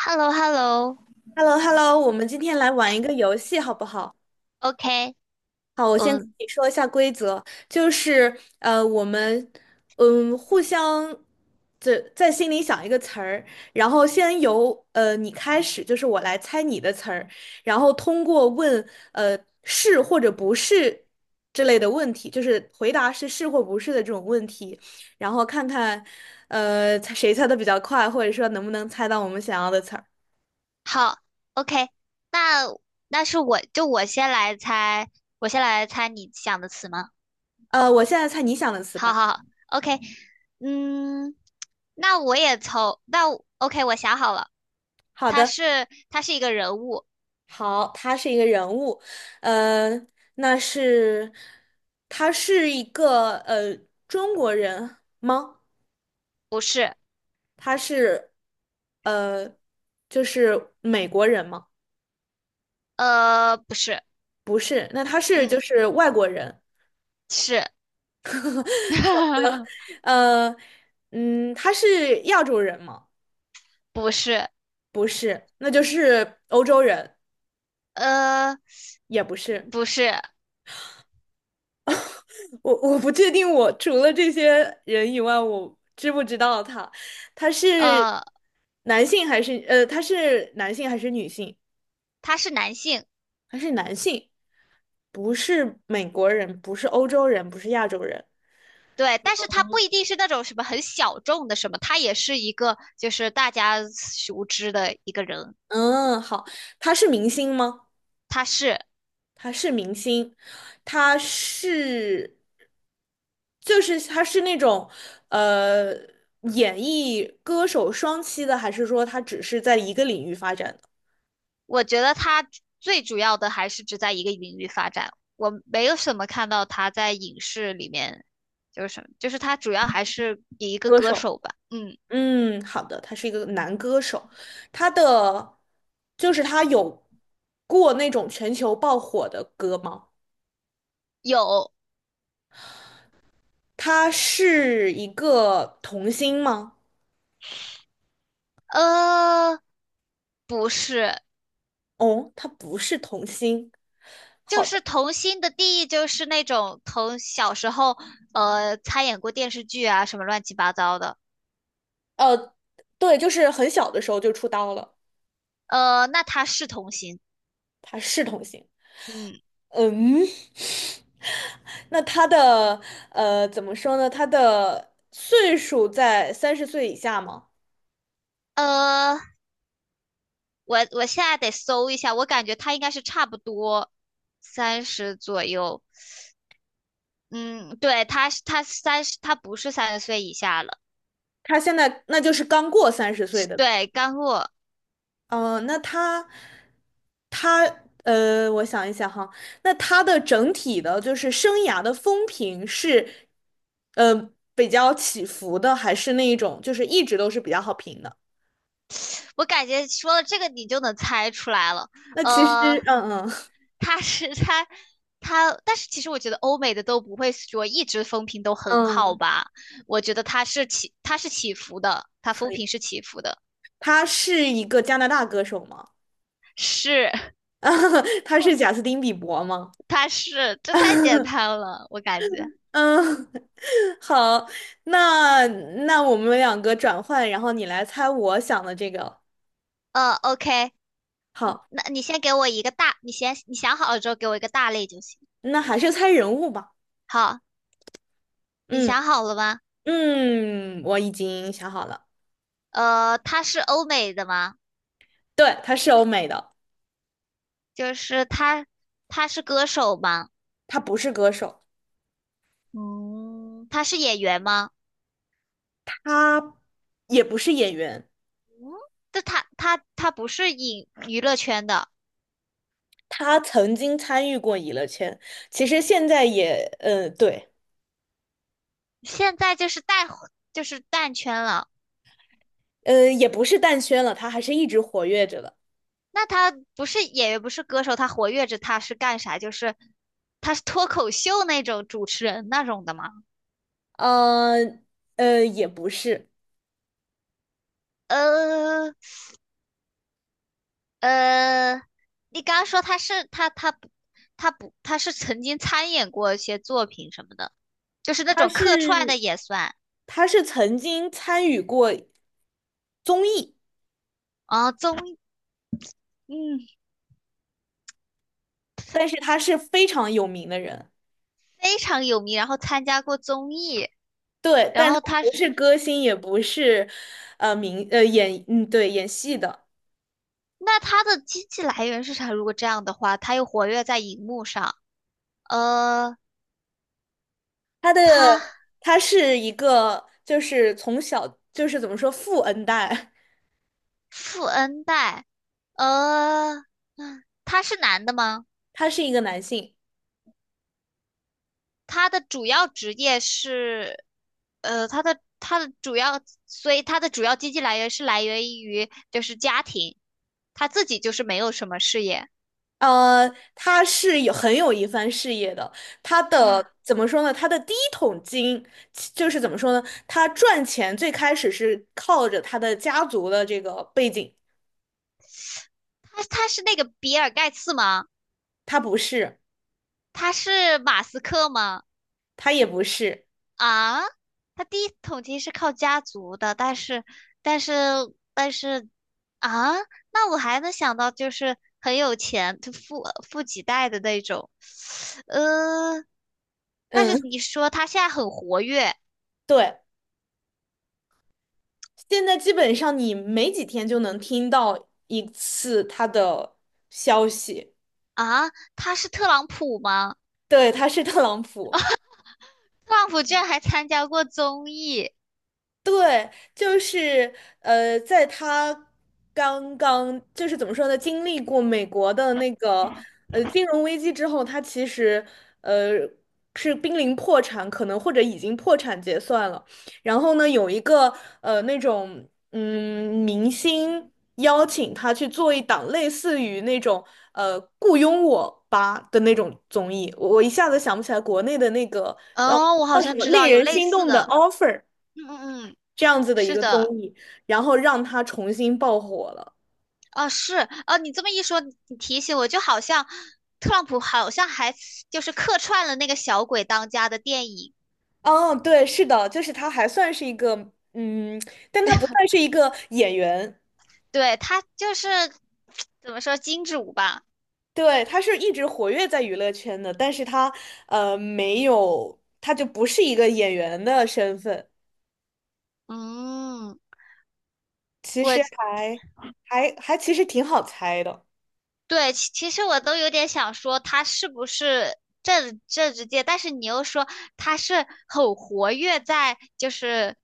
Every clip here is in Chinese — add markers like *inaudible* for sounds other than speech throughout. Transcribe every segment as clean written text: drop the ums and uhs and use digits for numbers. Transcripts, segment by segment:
h e l l o h e l l o h e l l o h e l l o 我们今天来玩一个游戏，好不好？o k 好，我先跟嗯，你说一下规则，就是我们互相这在心里想一个词儿，然后先由你开始，就是我来猜你的词儿，然后通过问呃是或者不是之类的问题，就是回答是或不是的这种问题，然后看看猜谁猜的比较快，或者说能不能猜到我们想要的词儿。好，OK，那那是我就我先来猜，我先来猜你想的词吗？我现在猜你想的词好吧。好好，OK，嗯，那我 OK，我想好了，好他的。是他是一个人物。好，他是一个人物，呃，那是他是一个中国人吗？不是。他是呃就是美国人吗？不是。不是，那他是就嗯，是外国人，是。*laughs* 呃他是亚洲人吗？不是。不是，那就是欧洲人，呃，也不是。不是。我不确定，我除了这些人以外，我知不知道他？他是呃，他是男性还是女性？他是男性。他是男性，不是美国人，不是欧洲人，不是亚洲人。对，但是他不一定是那种什么很小众的什么，他也是一个就是大家熟知的一个人。嗯，好，他是明星吗？他是。他是明星，他是就是他是那种呃演艺歌手双栖的，还是说他只是在一个领域发展的我觉得他最主要的还是只在一个领域发展，我没有什么看到他在影视里面，就是什么，就是他主要还是以一个歌歌手？手吧。嗯，嗯，好的，他是一个男歌手，他的就是他有过那种全球爆火的歌吗？有。他是一个童星吗？呃，不是。哦，他不是童星。就好的，是童星的定义就是那种从小时候参演过电视剧啊什么乱七八糟的。呃，对，就是很小的时候就出道了，那他是童星。他是童星。嗯。嗯，*laughs* 那他的怎么说呢？他的岁数在三十岁以下吗？呃，我现在得搜一下，我感觉他应该是差不多三十左右。嗯，对，他是它三十，他不是三十岁以下了。他现在那就是刚过三十岁是，的。对，干货。呃，那他，他，呃，我想一想哈，那他的整体的，就是生涯的风评是，比较起伏的，还是那一种，就是一直都是比较好评的？*sucks teeth* 我感觉说了这个你就能猜出来了。那其实 呃，*laughs*，嗯嗯 他是他他，但是其实我觉得欧美的都不会说一直风评都 *laughs* 很好嗯，吧？我觉得他是起伏的，他风可以。评是起伏的。他是一个加拿大歌手吗？是。 *laughs* *laughs* 他是贾斯汀·比伯吗？这太简 *laughs* 单了，我感觉。嗯，*laughs* 好，那那我们两个转换，然后你来猜我想的这个。OK。嗯，好，那你先给我一个大，你想好了之后给我一个大类就行。那还是猜人物吧。好，你嗯想好了吗？嗯，我已经想好了，他是欧美的吗？对，他是欧美的，就是他歌手吗？他不是歌手，嗯，他是演员吗？他也不是演员，嗯，但他不是影娱乐圈的。他曾经参与过娱乐圈，其实现在也，对，现在就是淡，就是淡圈了。也不是淡圈了，他还是一直活跃着的，那他不是演员，不是歌手，他活跃着，他是干啥？就是他是脱口秀那种主持人那种的吗？呃，也不是，呃，呃，你刚刚说他是他他不他不他是曾经参演过一些作品什么的，就是那他种客串是的也算。他是曾经参与过综艺，啊，综艺。嗯。但是他是非常有名的人。非常有名，然后参加过综艺。对，然但他后他不是是。歌星，也不是，呃，明呃演嗯对演戏的。那他的经济来源是啥？如果这样的话，他又活跃在荧幕上。呃，他的他他是一个，就是从小就是怎么说富恩代，富恩代。呃，嗯，他是男的吗？*laughs* 他是一个男性，他的主要职业是。他的主要，所以他的主要经济来源是来源于就是家庭，他自己就是没有什么事业他是有很有一番事业的。他啊。的怎么说呢？他的第一桶金就是怎么说呢？他赚钱最开始是靠着他的家族的这个背景，他是那个比尔盖茨吗？他不是，他是马斯克吗？他也不是，啊，他第一桶金是靠家族的，但是但是啊，那我还能想到就是很有钱，就富几代的那种，呃。但是嗯，你说他现在很活跃对。现在基本上你没几天就能听到一次他的消息，啊。他是特朗普吗？对，他是特朗普。特朗普居然还参加过综艺。对，就是在他刚刚就是怎么说呢，经历过美国的那个金融危机之后，他其实呃是濒临破产，可能或者已经破产结算了。然后呢，有一个那种明星邀请他去做一档类似于那种《雇佣我吧》的那种综艺，我一下子想不起来国内的那个叫哦，我好什像么知道令有人类心似动的 的。offer。嗯嗯嗯，这样子的一是个综的。艺，然后让他重新爆火了。啊，是啊。你这么一说，你提醒我，就好像特朗普好像还就是客串了那个《小鬼当家》的电影。哦，对，是的，就是他还算是一个，嗯，但他不算是一个演员，对，他就是 *tsk* 怎么说，金主吧。对，他是一直活跃在娱乐圈的，但是他没有，他就不是一个演员的身份，嗯。其我，实还还还其实挺好猜的，对，其实我都有点想说他是不是政治界，但是你又说他是很活跃在就是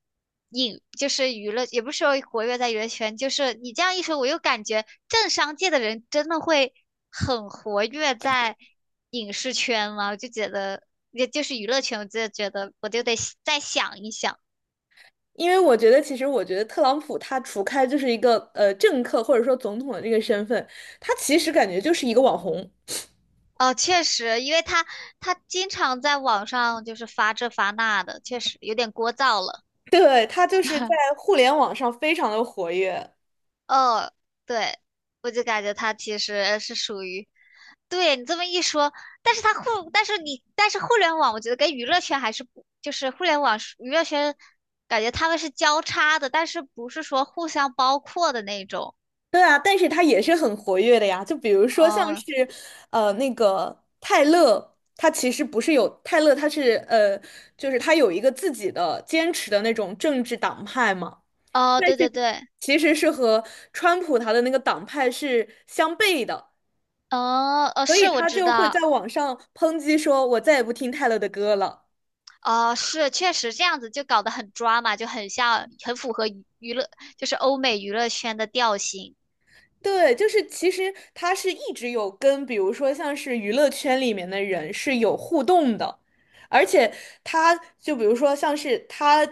影，就是娱乐，也不是说活跃在娱乐圈。就是你这样一说，我又感觉政商界的人真的会很活跃在影视圈吗？我就觉得也就是娱乐圈，我就觉得我就得再想一想。因为我觉得，其实我觉得特朗普他除开就是一个政客或者说总统的这个身份，他其实感觉就是一个网红。哦，确实，因为他经常在网上就是发这发那的，确实有点聒噪了。对，他就是在互联网上非常的活跃。哦，对。我就感觉他其实是属于，对，你这么一说，但是他互，但是你，但是互联网，我觉得跟娱乐圈还是不，就是互联网娱乐圈，感觉他们是交叉的，但是不是说互相包括的那种。对啊，但是他也是很活跃的呀。就比如说像哦。是，那个泰勒，他其实不是有泰勒，他是就是他有一个自己的坚持的那种政治党派嘛。哦，但对对是对。其实是和川普他的那个党派是相悖的，哦。哦，所以是，我他知就会在道。网上抨击说："我再也不听泰勒的歌了。"哦，是，确实这样子就搞得很抓嘛，就很像，很符合娱乐，就是欧美娱乐圈的调性。对，就是其实他是一直有跟，比如说像是娱乐圈里面的人是有互动的，而且他就比如说像是他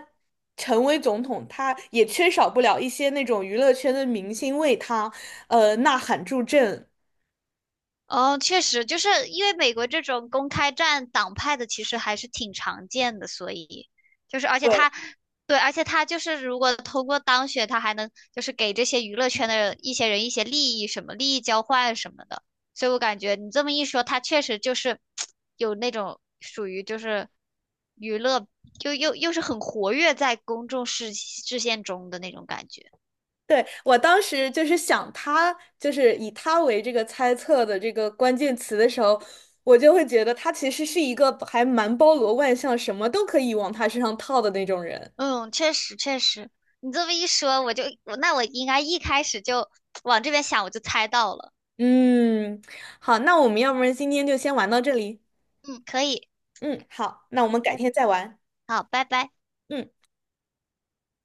成为总统，他也缺少不了一些那种娱乐圈的明星为他呐喊助阵。哦，确实，就是因为美国这种公开战党派的，其实还是挺常见的，所以就是而且对，他，对，而且他就是如果通过当选，他还能就是给这些娱乐圈的一些人一些利益，什么利益交换什么的。所以我感觉你这么一说，他确实就是有那种属于就是娱乐，又是很活跃在公众视线中的那种感觉。对，我当时就是想他，就是以他为这个猜测的这个关键词的时候，我就会觉得他其实是一个还蛮包罗万象，什么都可以往他身上套的那种人。嗯，确实确实。你这么一说，我，就我那我应该一开始就往这边想，我就猜到了。嗯，好，那我们要不然今天就先玩到这里。嗯，可以。嗯，好，那我们改拜。天再玩。好，拜拜。嗯。